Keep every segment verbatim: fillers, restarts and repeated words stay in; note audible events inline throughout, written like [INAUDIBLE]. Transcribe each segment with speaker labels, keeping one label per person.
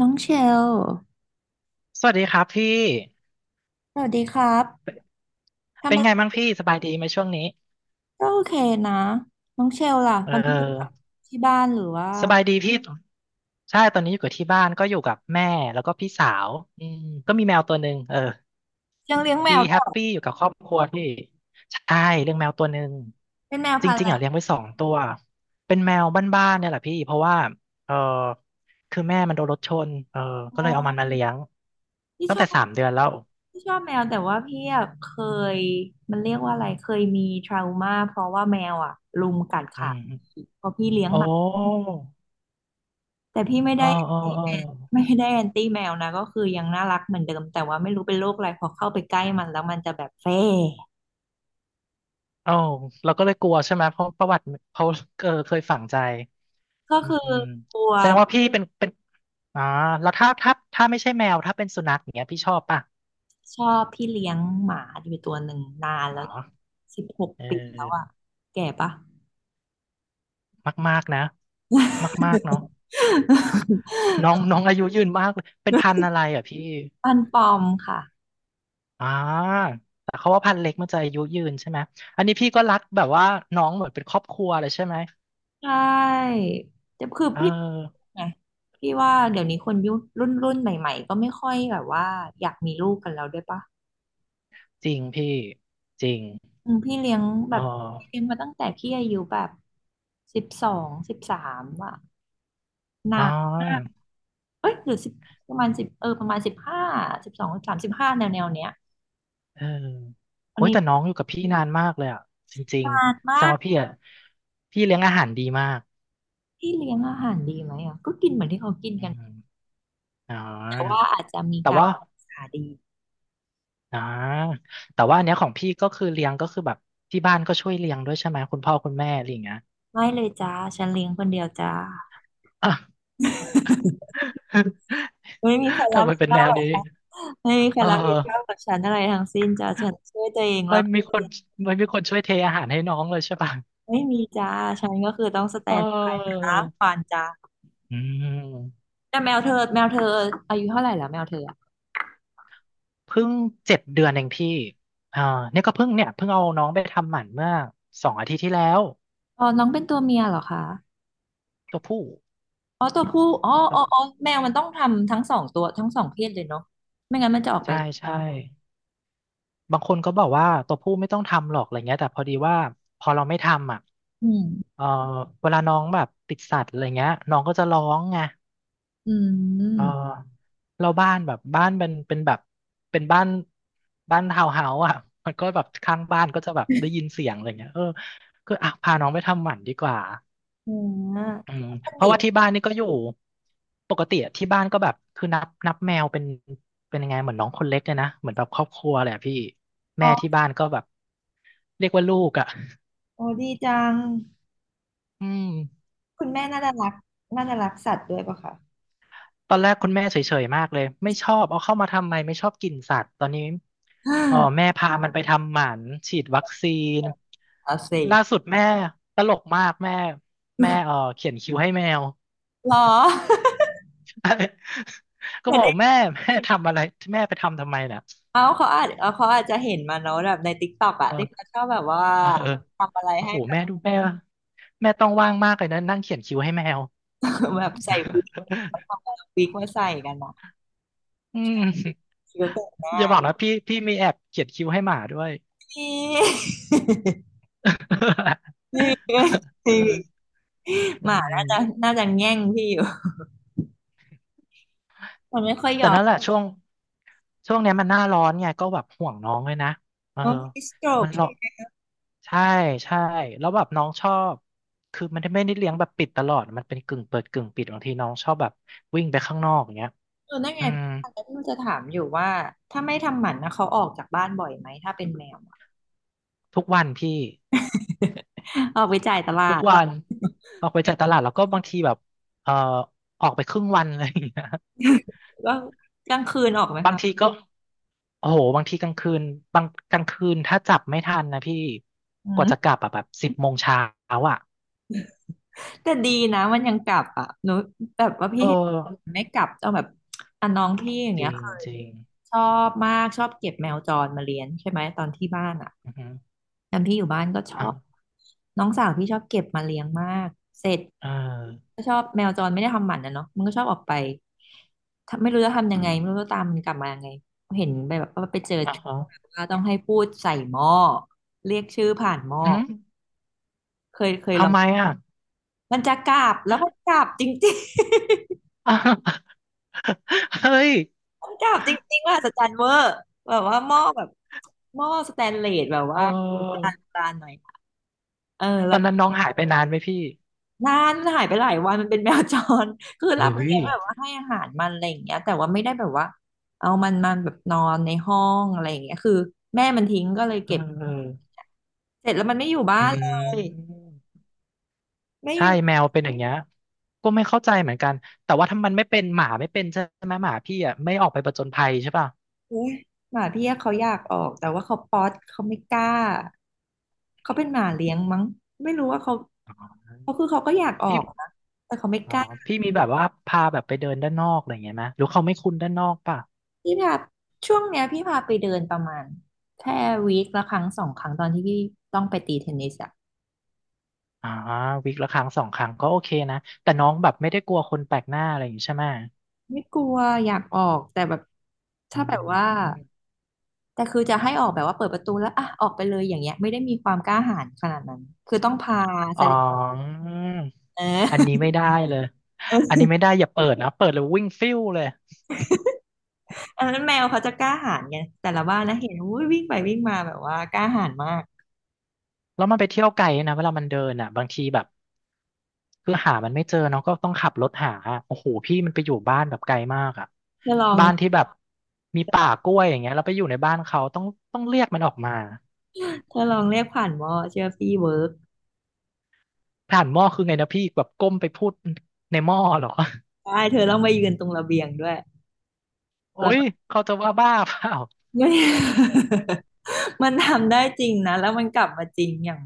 Speaker 1: น้องเชล
Speaker 2: สวัสดีครับพี่
Speaker 1: สวัสดีครั
Speaker 2: เป็
Speaker 1: บ
Speaker 2: น
Speaker 1: ทำ
Speaker 2: เป็น
Speaker 1: ไม
Speaker 2: ไงบ้างพี่สบายดีไหมช่วงนี้
Speaker 1: ก็โอเคนะ น้องเชลล่ะ
Speaker 2: เอ
Speaker 1: ตอนนี้อยู่กับ
Speaker 2: อ
Speaker 1: ที่บ้านหรือว่า
Speaker 2: สบายดีพี่ใช่ตอนนี้อยู่กับที่บ้านก็อยู่กับแม่แล้วก็พี่สาวอืมก็มีแมวตัวหนึ่งเออ
Speaker 1: ยังเลี้ยงแม
Speaker 2: ดี
Speaker 1: วด้
Speaker 2: แฮ
Speaker 1: วย
Speaker 2: ป
Speaker 1: เหร
Speaker 2: ปี้
Speaker 1: อ
Speaker 2: อยู่กับครอบครัวพี่ใช่เลี้ยงแมวตัวหนึ่ง
Speaker 1: เป็นแมว
Speaker 2: จ
Speaker 1: พันธุ์อะ
Speaker 2: ริงๆอ่ะ
Speaker 1: ไร
Speaker 2: เลี้ยงไว้สองตัวเป็นแมวบ้านๆเนี่ยแหละพี่เพราะว่าเออคือแม่มันโดนรถชนเออ
Speaker 1: อ๋
Speaker 2: ก็เลยเอามันมา
Speaker 1: อ
Speaker 2: เลี้ยง
Speaker 1: พี่
Speaker 2: ตั้
Speaker 1: ช
Speaker 2: ง
Speaker 1: อ
Speaker 2: แต่
Speaker 1: บ
Speaker 2: สามเดือนแล้ว
Speaker 1: พี่ชอบแมวแต่ว่าพี่อะเคยมันเรียกว่าอะไรเคยมีทรามาเพราะว่าแมวอ่ะรุมกัด
Speaker 2: อื
Speaker 1: ขา
Speaker 2: ม
Speaker 1: เพราะพี่เลี้ยง
Speaker 2: โอ้
Speaker 1: หมาแต่พี่ไม่
Speaker 2: อ๋อ
Speaker 1: ได้
Speaker 2: อ๋ออ๋อ
Speaker 1: ไม่ได้แอนตี้แมวนะก็คือยังน่ารักเหมือนเดิมแต่ว่าไม่รู้เป็นโรคอะไรพอเข้าไปใกล้มันแล้วมันจะแบบเฟ่
Speaker 2: เอ้าเราก็เลยกลัวใช่ไหมเพราะประวัติเขาเออเคยฝังใจ
Speaker 1: ก็
Speaker 2: อื
Speaker 1: คือ
Speaker 2: ม
Speaker 1: กลัว
Speaker 2: แสดงว่าพี่เป็นเป็นอ๋อแล้วถ้าถ้าถ้าไม่ใช่แมวถ้าเป็นสุนัขอย่างเงี้ยพี่ชอบป่ะ
Speaker 1: ชอบพี่เลี้ยงหมาอยู่ตัวหนึ่งนานแล้
Speaker 2: อ๋
Speaker 1: ว
Speaker 2: อ
Speaker 1: สิบหก
Speaker 2: เอ
Speaker 1: ปีแล้วอ่ะ
Speaker 2: อ
Speaker 1: แก่ปะ
Speaker 2: มากๆนะมากๆเนาะน้อง [LAUGHS] น้องอายุยืนมากเลยเป็นพันธุ์อะไรอ่ะพี่
Speaker 1: ปันปอมค่ะ
Speaker 2: อ่าแต่เขาว่าพันธุ์เล็กมันจะอายุยืนใช่ไหมอันนี้พี่ก็รักแบบว่าน้องเหมือนเป็นครอบครัวเลยใช่ไหม
Speaker 1: ใช่แต่คือ
Speaker 2: เอ
Speaker 1: พี่
Speaker 2: อ
Speaker 1: ไงพี่ว่าเดี๋ยวนี้คนยุครุ่นรุ่นใหม่ๆก็ไม่ค่อยแบบว่าอยากมีลูกกันแล้วด้วยปะ
Speaker 2: จริงพี่จริง
Speaker 1: อืมพี่เลี้ยงแบ
Speaker 2: อ๋อ
Speaker 1: บพี่เลี้ยงมาตั้งแต่พี่อายุแบบสิบสองสิบสามอ่ะนา
Speaker 2: อ๋อ
Speaker 1: นมากเอ้ยหรือสิบประมาณสิบเออประมาณสิบห้าสิบสองสิบสามสิบห้าแนวแนวๆเนี้ย
Speaker 2: เออ
Speaker 1: อัน
Speaker 2: โอ้ย
Speaker 1: นี้
Speaker 2: แต่น้องอยู่กับพี่นานมากเลยอ่ะจริง
Speaker 1: นาน
Speaker 2: ๆแส
Speaker 1: มา
Speaker 2: ดง
Speaker 1: ก
Speaker 2: ว่าพี่อ่ะพี่เลี้ยงอาหารดีมาก
Speaker 1: ที่เลี้ยงอาหารดีไหมอ่ะก็กินเหมือนที่เขากิน
Speaker 2: อื
Speaker 1: กัน
Speaker 2: มอ๋
Speaker 1: แต่ว่า
Speaker 2: อ
Speaker 1: อาจจะมี
Speaker 2: แต่
Speaker 1: การ
Speaker 2: ว่า
Speaker 1: หาดี
Speaker 2: อ๋อแต่ว่าอันเนี้ยของพี่ก็คือเลี้ยงก็คือแบบที่บ้านก็ช่วยเลี้ยงด้วยใช่ไหมคุณพ่อคุณแม่อะไรอย่างเงี้ย [LAUGHS]
Speaker 1: ไม่เลยจ้าฉันเลี้ยงคนเดียวจ้า
Speaker 2: อ่ะ
Speaker 1: ไม่มีใคร
Speaker 2: [LAUGHS]
Speaker 1: รั
Speaker 2: ทำ
Speaker 1: บ
Speaker 2: ไม
Speaker 1: ผิด
Speaker 2: เป็น
Speaker 1: ชอ
Speaker 2: แน
Speaker 1: บห
Speaker 2: ว
Speaker 1: รอก
Speaker 2: นี้
Speaker 1: จ้าไม่มีใคร
Speaker 2: เอ
Speaker 1: รับผิดชอบกั
Speaker 2: อ
Speaker 1: บฉันอะไรทั้งสิ้นจ้าฉันช่วยตัวเองแล้
Speaker 2: ไม่
Speaker 1: ว
Speaker 2: มีคนไม่มีคนช่วยเทอาหารให้น้องเลยใช่ป่ะ
Speaker 1: ไม่มีจ้าฉันก็คือต้องสแต
Speaker 2: เ
Speaker 1: นบาย
Speaker 2: ออ
Speaker 1: นะฟานจ้า
Speaker 2: อืม
Speaker 1: แต่แมวเธอแมวเธออายุเท่าไหร่แล้วแมวเธออะ
Speaker 2: เพิ่งเจ็ดเดือนเองพี่อ่าเนี่ยก็เพิ่งเนี่ยเพิ่งเอาน้องไปทำหมันเมื่อสองอาทิตย์ที่แล้ว
Speaker 1: อ๋อน้องเป็นตัวเมียเหรอคะ
Speaker 2: ตัวผู้
Speaker 1: อ๋อตัวผู้อ๋ออ๋ออ๋อแมวมันต้องทำทั้งสองตัวทั้งสองเพศเลยเนาะไม่งั้นมันจะออกไป
Speaker 2: ใช่ใช่บางคนก็บอกว่าตัวผู้ไม่ต้องทำหรอกอะไรเงี้ยแต่พอดีว่าพอเราไม่ทำอ่ะ
Speaker 1: อืม
Speaker 2: เออเวลาน้องแบบติดสัตว์อะไรเงี้ยน้องก็จะร้องไง
Speaker 1: อื
Speaker 2: เออ
Speaker 1: ม
Speaker 2: เราบ้านแบบบ้านเป็นเป็นแบบเป็นบ้านบ้านทาวน์เฮาส์อ่ะมันก็แบบข้างบ้านก็จะแบบได้ยินเสียงอะไรเงี้ยเออก็อ่ะพาน้องไปทำหมันดีกว่า
Speaker 1: อืมนั
Speaker 2: อืม
Speaker 1: ่น
Speaker 2: เพ
Speaker 1: ดิ
Speaker 2: ราะว่าที่บ้านนี่ก็อยู่ปกติอะที่บ้านก็แบบคือนับนับแมวเป็นเป็นยังไงเหมือนน้องคนเล็กเลยนะเหมือนแบบครอบครัวแหลยอะพี่
Speaker 1: อ๋
Speaker 2: แม่ที่
Speaker 1: อ
Speaker 2: บ้านก็แบบเรียกว่าลูกอ่ะ
Speaker 1: โอ้ดีจัง
Speaker 2: อืม
Speaker 1: คุณแม่น่าจะรักน่าจะรักสัตว์ด้วยป่ะคะ
Speaker 2: ตอนแรกคุณแม่เฉยๆมากเลยไม่ชอบเอาเข้ามาทำไมไม่ชอบกินสัตว์ตอนนี้
Speaker 1: อ่
Speaker 2: อ๋อ
Speaker 1: า
Speaker 2: แม่พามันไปทำหมันฉีดวัคซีน
Speaker 1: เอาสิ
Speaker 2: ล่าสุดแม่ตลกมากแม่แม่เออเขียนคิ้วให้แมว
Speaker 1: หรอ
Speaker 2: [LAUGHS] ก็
Speaker 1: เหมือ
Speaker 2: บ
Speaker 1: น
Speaker 2: อ
Speaker 1: ใน
Speaker 2: กแม่แม่ทำอะไรแม่ไปทำทำไมน่ย
Speaker 1: เอาเขาอาจเอาเขาอาจจะเห็นมาเนอะแบบในติ๊กต็อกอะที่เขาชอบแบบว่า
Speaker 2: เออ
Speaker 1: ทำอะไร
Speaker 2: โอ้
Speaker 1: ให้
Speaker 2: โห
Speaker 1: แบบ
Speaker 2: แม่ดูแม่ว่ะแม่ต้องว่างมากเลยนะนั่งเขียนคิวให้แมว
Speaker 1: [LAUGHS] แบบใส่วิกเขาทำเอาวิกมาใส่กันเนาะ
Speaker 2: [LAUGHS] อืม
Speaker 1: คิวเตอร์
Speaker 2: อย่าบอกนะพี่พี่มีแอบเขียนคิวให้หมาด้วย
Speaker 1: พี่มี่ [LAUGHS]
Speaker 2: [LAUGHS] เอ
Speaker 1: พี
Speaker 2: ออื
Speaker 1: หมาน่าจะ
Speaker 2: ม
Speaker 1: น่าจะแง่งพี่อยู่มันไม่ค่อยย
Speaker 2: แต่
Speaker 1: อม
Speaker 2: นั่นแหละช่วงช่วงเนี้ยมันหน้าร้อนไงก็แบบห่วงน้องเลยนะเออ
Speaker 1: โอ้ยสโตรก
Speaker 2: มันหรอกใช่ใช่แล้วแบบน้องชอบคือมันไม่ได้เลี้ยงแบบปิดตลอดมันเป็นกึ่งเปิดกึ่งปิดบางทีน้องชอบแบบวิ่งไปข้างนอกอย่างเงี้ย
Speaker 1: เออนั่นไง
Speaker 2: อืม
Speaker 1: พี่ฟังแล้วพี่นจะถามอยู่ว่าถ้าไม่ทำหมันนะเขาออกจากบ้านบ่อยไหมถ้าเป็นแมวอะ
Speaker 2: ทุกวันพี่
Speaker 1: [LAUGHS] ออกไปจ่ายต
Speaker 2: ทุ
Speaker 1: ลา
Speaker 2: ก
Speaker 1: ด
Speaker 2: วันออกไปจ่ายตลาดแล้วก็บางทีแบบเอ่อออกไปครึ่งวันอะไรอย่างเงี้ย
Speaker 1: ก็กลางคืนออกไหม
Speaker 2: บาง
Speaker 1: คะ
Speaker 2: ทีก็โอ้โหบางทีกลางคืนบางกลางคืนถ้าจับไม่ทันนะพี่
Speaker 1: อื
Speaker 2: กว่าจะ
Speaker 1: ม
Speaker 2: กลับอะแบบสิบโมงเช้าอ่ะ
Speaker 1: แต่ดีนะมันยังกลับอ่ะหนูแบบว่า
Speaker 2: เอ
Speaker 1: พี่เห็น
Speaker 2: อ
Speaker 1: ไม่กลับเอาแบบอ่ะน้องพี่อย่าง
Speaker 2: จ
Speaker 1: เงี้ย
Speaker 2: ริง
Speaker 1: เคย
Speaker 2: จริง
Speaker 1: ชอบมากชอบเก็บแมวจรมาเลี้ยงใช่ไหมตอนที่บ้านอ่ะ
Speaker 2: อือฮึ
Speaker 1: ตอนที่อยู่บ้านก็ชอบ
Speaker 2: อ่ะ
Speaker 1: น้องสาวพี่ชอบเก็บมาเลี้ยงมากเสร็จ
Speaker 2: เออ
Speaker 1: ก็ชอบแมวจรไม่ได้ทำหมันนะเนาะมันก็ชอบออกไปถ้าไม่รู้จะทำยังไงไม่รู้จะตามมันกลับมายังไงเห็นไปแบบว่าไปเจอ
Speaker 2: อ่ะฮะ
Speaker 1: ว่าต้องให้พูดใส่หม้อเรียกชื่อผ่านหม้อ
Speaker 2: อืม
Speaker 1: เคยเคยล
Speaker 2: ทำ
Speaker 1: อง
Speaker 2: ไมอ่ะ
Speaker 1: มันจะกราบแล้วมันกราบจริง
Speaker 2: อ่ะ [LAUGHS] เฮ้ย
Speaker 1: ๆ [LAUGHS] มันกราบจริงๆว่าสจันเวอร์แบบว่าหม้อแบบหม้อสแตนเลสแบบ
Speaker 2: เออ
Speaker 1: ว่าโบราณหน่อยเออ
Speaker 2: ต
Speaker 1: แล้
Speaker 2: อ
Speaker 1: ว
Speaker 2: น
Speaker 1: ก็
Speaker 2: นั้นน้องหายไปนานไหมพี่
Speaker 1: นานมันหายไปหลายวันมันเป็นแมวจร [LAUGHS] คือรับ
Speaker 2: เฮ้ย
Speaker 1: เลี้ยงแบบว่าให้อาหารมันอะไรอย่างเงี้ยแต่ว่าไม่ได้แบบว่าเอามันมาแบบนอนในห้องอะไรอย่างเงี้ยคือแม่มันทิ้งก็เลย
Speaker 2: เอ
Speaker 1: เก็บ
Speaker 2: อ
Speaker 1: เสร็จแล้วมันไม่อยู่บ้า
Speaker 2: อื
Speaker 1: นเลย
Speaker 2: ม
Speaker 1: ไม่อ
Speaker 2: ใช่
Speaker 1: ยู่
Speaker 2: แมวเป็นอย่างเงี้ยก็ไม่เข้าใจเหมือนกันแต่ว่าถ้ามันไม่เป็นหมาไม่เป็นใช่ไหมหมาพี่อ่ะไม่ออกไปผจญภัยใช่ป่ะ
Speaker 1: เลยหมาพี่เขาอยากออกแต่ว่าเขาป๊อตเขาไม่กล้าเขาเป็นหมาเลี้ยงมั้งไม่รู้ว่าเขาเขาคือเขาก็อยากออ
Speaker 2: พี่
Speaker 1: กนะแต่เขาไม่
Speaker 2: อ๋
Speaker 1: ก
Speaker 2: อ
Speaker 1: ล้า
Speaker 2: พี่มีแบบว่าพาแบบไปเดินด้านนอกอะไรอย่างเงี้ยไหมหรือเขาไม่คุ้นด้านนอกป่ะ
Speaker 1: พี่พาช่วงเนี้ยพี่พาไปเดินประมาณแค่วีคละครั้งสองครั้งตอนที่พี่ต้องไปตีเทนนิสอะ
Speaker 2: อ่าวีคละครั้งสองครั้งก็โอเคนะแต่น้องแบบไม่ได้กลัวคนแปลกหน้าอะไรอย่างงี้ใช่ไหม
Speaker 1: ไม่กลัวอยากออกแต่แบบ
Speaker 2: อื
Speaker 1: ถ้าแบบว่า
Speaker 2: ม
Speaker 1: แต่คือจะให้ออกแบบว่าเปิดประตูแล้วอ่ะออกไปเลยอย่างเงี้ยไม่ได้มีความกล้าหาญขนาดนั้นคือต้องพาแส
Speaker 2: อ๋อ
Speaker 1: ดงเอ
Speaker 2: อันนี้
Speaker 1: อ
Speaker 2: ไม่ได้เลยอัน
Speaker 1: [LAUGHS]
Speaker 2: นี้ไม่ได้อย่าเปิดนะเปิดแล้ววิ่งฟิวเลย
Speaker 1: อันนั้นแมวเขาจะกล้าหาญไงแต่ละบ้านนะเห็นอุ้ยวิ่งไปวิ่งมาแบบว่ากล้าหาญมาก
Speaker 2: แล้วมันไปเที่ยวไกลนะเวลามันเดินอ่ะบางทีแบบคือหามันไม่เจอเนาะก็ต้องขับรถหาอะโอ้โหพี่มันไปอยู่บ้านแบบไกลมากอ่ะ
Speaker 1: เธอลอง
Speaker 2: บ้านที่แบบมีป่ากล้วยอย่างเงี้ยแล้วไปอยู่ในบ้านเขาต้องต้องเรียกมันออกมา
Speaker 1: เธอลองเรียกผ่านวอเชื่อพี่เวิร์ก
Speaker 2: ผ่านหม้อคือไงนะพี่แบบก้มไปพูดในหม้อเหรอ
Speaker 1: ได้เธอต้องไปยืนตรงระเบียงด้วย
Speaker 2: โอ้ยเขาจะว่าบ้าเปล่า
Speaker 1: [LAUGHS] ไม่ [LAUGHS] มันทำได้จริงนะแล้วมันกลับมาจริงอย่าง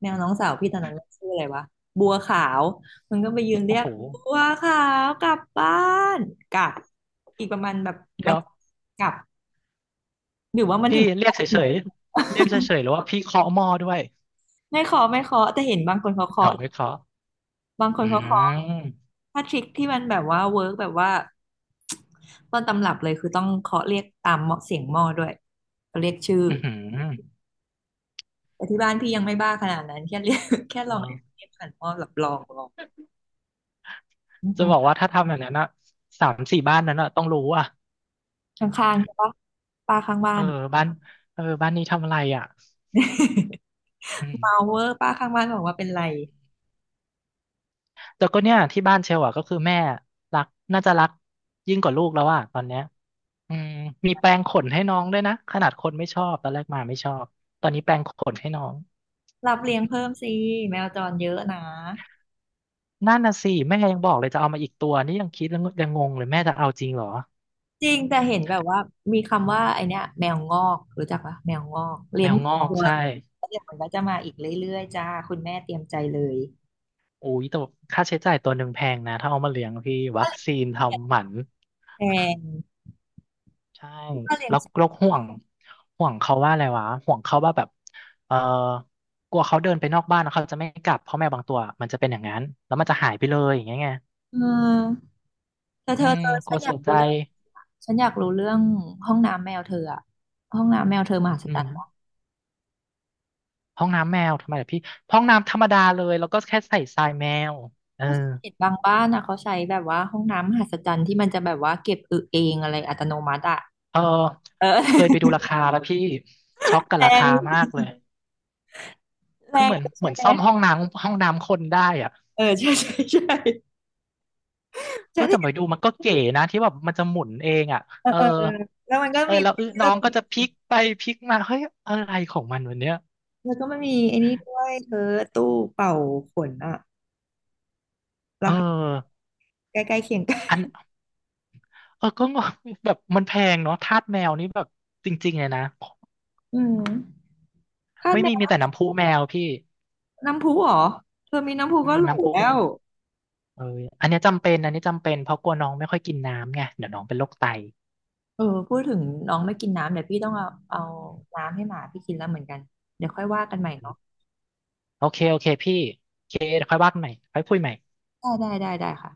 Speaker 1: แมวน้องสาวพี่ตอนนั้นมันชื่ออะไรวะบัวขาวมันก็ไปยืนเรี
Speaker 2: โอ้
Speaker 1: ยก
Speaker 2: โห
Speaker 1: บัวขาวกลับบ้านกลับอีกประมาณแบบ
Speaker 2: เดี๋
Speaker 1: วั
Speaker 2: ย
Speaker 1: น
Speaker 2: ว
Speaker 1: กลับ
Speaker 2: พี่เรียกเฉยๆเรียกเฉยๆหรือว่าพี่เคาะหม้อด้วย
Speaker 1: ไม่เคาะไม่เคาะแต่เห็นบางคนเขาเคาะ
Speaker 2: เอาไม่เคาะ
Speaker 1: บางคน
Speaker 2: อื
Speaker 1: เขาเคาะ
Speaker 2: ม
Speaker 1: ถ้าทริคที่มันแบบว่าเวิร์กแบบว่าต้นตำรับเลยคือต้องเคาะเรียกตามเหมาะเสียงหม้อด้วยเขาเรียกชื่อ
Speaker 2: อือหือ
Speaker 1: แต่ที่บ้านพี่ยังไม่บ้าขนาดนั้นแค่เรียก [LAUGHS] แค่
Speaker 2: เอ
Speaker 1: ลอง
Speaker 2: อ
Speaker 1: เรียกผ่านหม้อแบบลองลองอื
Speaker 2: จะบ
Speaker 1: ม
Speaker 2: อกว่าถ้าทำแบบนั้นอะสามสี่บ้านนั้นอะต้องรู้อะ
Speaker 1: ข้างๆใช่ปะป้าข้างบ้า
Speaker 2: เออ
Speaker 1: น
Speaker 2: บ้านเออบ้านนี้ทำอะไรอะ
Speaker 1: [LAUGHS]
Speaker 2: อืม
Speaker 1: เมาเวอร์ป้าข้างบ้านบอกว่าเป็นไร
Speaker 2: แต่ก็เนี่ยที่บ้านเชลอะก็คือแม่รักน่าจะรักยิ่งกว่าลูกแล้วอะตอนเนี้ยอืมมีแปรงขนให้น้องด้วยนะขนาดคนไม่ชอบตอนแรกมาไม่ชอบตอนนี้แปรงขนให้น้อง
Speaker 1: รับเลี้ยงเพิ่มสิแมวจรเยอะนะ
Speaker 2: นั่นน่ะสิแม่ยังบอกเลยจะเอามาอีกตัวนี่ยังคิดแล้วยังงงเลยแม่จะเอาจริงเหรอ
Speaker 1: จริงแต่เห็นแบบว่ามีคำว่าไอเนี้ยแมวงอกรู้จักปะแมวงอกเลี้
Speaker 2: แม
Speaker 1: ยง
Speaker 2: วงอก
Speaker 1: ตัว
Speaker 2: ใช่
Speaker 1: แล้วเดี๋ยวมันก็จะมาอีกเรื่อยๆจ้าคุณแม่เตรียมใจเลย
Speaker 2: อุ้ยแต่ค่าใช้จ่ายตัวหนึ่งแพงนะถ้าเอามาเลี้ยงพี่วั
Speaker 1: ถ้า
Speaker 2: ค
Speaker 1: เลี้ยง
Speaker 2: ซีน
Speaker 1: แกะ
Speaker 2: ทำหมัน
Speaker 1: แพง
Speaker 2: ใช่
Speaker 1: ถ้าเลี้ยง
Speaker 2: แล้ว
Speaker 1: สัตว์
Speaker 2: แล้วห่วงห่วงเขาว่าอะไรวะห่วงเขาว่าแบบเออกลัวเขาเดินไปนอกบ้านแล้วเขาจะไม่กลับเพราะแมวบางตัวมันจะเป็นอย่างนั้นแล้วมันจะหายไปเลยอย่างเงี้ยไง
Speaker 1: เออเธอเธ
Speaker 2: อื
Speaker 1: อ
Speaker 2: ม
Speaker 1: เธอ
Speaker 2: ก
Speaker 1: ฉั
Speaker 2: ลั
Speaker 1: น
Speaker 2: ว
Speaker 1: อยา
Speaker 2: เสี
Speaker 1: ก
Speaker 2: ยใจ
Speaker 1: รู้เรื่องฉันอยากรู้เรื่องห้องน้ำแมวเธออะห้องน้ำแมวเธอมหัศ
Speaker 2: อื
Speaker 1: จรร
Speaker 2: ม
Speaker 1: ย์
Speaker 2: ห้องน้ำแมวทำไมล่ะพี่ห้องน้ำธรรมดาเลยแล้วก็แค่ใส่ทรายแมวเออ
Speaker 1: เพราะสังเกตบางบ้านอ่ะเขาใช้แบบว่าห้องน้ำมหัศจรรย์ที่มันจะแบบว่าเก็บอึเองอะไรอัตโนมัติอ่ะ
Speaker 2: เออ
Speaker 1: เอ
Speaker 2: เคยไปดู
Speaker 1: อ
Speaker 2: ราคาแล้วพี่ช็อกกับ
Speaker 1: แร
Speaker 2: ราคามา
Speaker 1: ง
Speaker 2: กเลย
Speaker 1: แร
Speaker 2: คือ
Speaker 1: ง
Speaker 2: เหมือนเห
Speaker 1: ใช่
Speaker 2: มือน
Speaker 1: ไหม
Speaker 2: ซ่อมห้องน้ำห้องน้ำคนได้อะ
Speaker 1: เออใช่ใช่ใช่
Speaker 2: เอ
Speaker 1: ฉั
Speaker 2: อ
Speaker 1: น
Speaker 2: แต่
Speaker 1: เห็
Speaker 2: ไป
Speaker 1: น
Speaker 2: ดูมันก็เก๋นะที่แบบมันจะหมุนเองอ่ะ
Speaker 1: เออ
Speaker 2: เออ
Speaker 1: เออเออแล้วมันก็
Speaker 2: เออ
Speaker 1: มี
Speaker 2: แล้วเออ
Speaker 1: เสื้
Speaker 2: น้
Speaker 1: อ
Speaker 2: อง
Speaker 1: ผิ
Speaker 2: ก็
Speaker 1: ด
Speaker 2: จะพลิกไปพลิกมาเฮ้ยอะไรของมันวันเนี้ย
Speaker 1: แล้วก็มันมีไอ้นี่ด้วยเธอตู้เป่าขนอ่ะ
Speaker 2: เอ
Speaker 1: รา
Speaker 2: อ
Speaker 1: คาใกล้ๆเคียงกั
Speaker 2: อัน
Speaker 1: น
Speaker 2: เออก็งงแบบมันแพงเนาะทาสแมวนี่แบบจริงๆเลยนะ
Speaker 1: อืมถ้า
Speaker 2: ไม่
Speaker 1: แม
Speaker 2: มีมี
Speaker 1: ว
Speaker 2: แต่น้ำพุแมวพี่
Speaker 1: น้ำพุเหรอเธอมีน้ำพุ
Speaker 2: อื
Speaker 1: ก็
Speaker 2: ม
Speaker 1: หรู
Speaker 2: น้ำพุ
Speaker 1: แล้
Speaker 2: แม
Speaker 1: ว
Speaker 2: วเอออันเนี้ยจำเป็นอันนี้จำเป็นเพราะกลัวน้องไม่ค่อยกินน้ำไงเดี๋ยวน้องเป็นโรคไต
Speaker 1: เออพูดถึงน้องไม่กินน้ำเดี๋ยวพี่ต้องเอาเอาน้ำให้หมาพี่กินแล้วเหมือนกันเดี๋ยวค่อยว่ากันใหม่เนาะ
Speaker 2: โอเคโอเคพี่โอเคเดี๋ยวค่อยว่ากันใหม่ค่อยคุยใหม่
Speaker 1: ได้ได้ได้ได้ค่ะ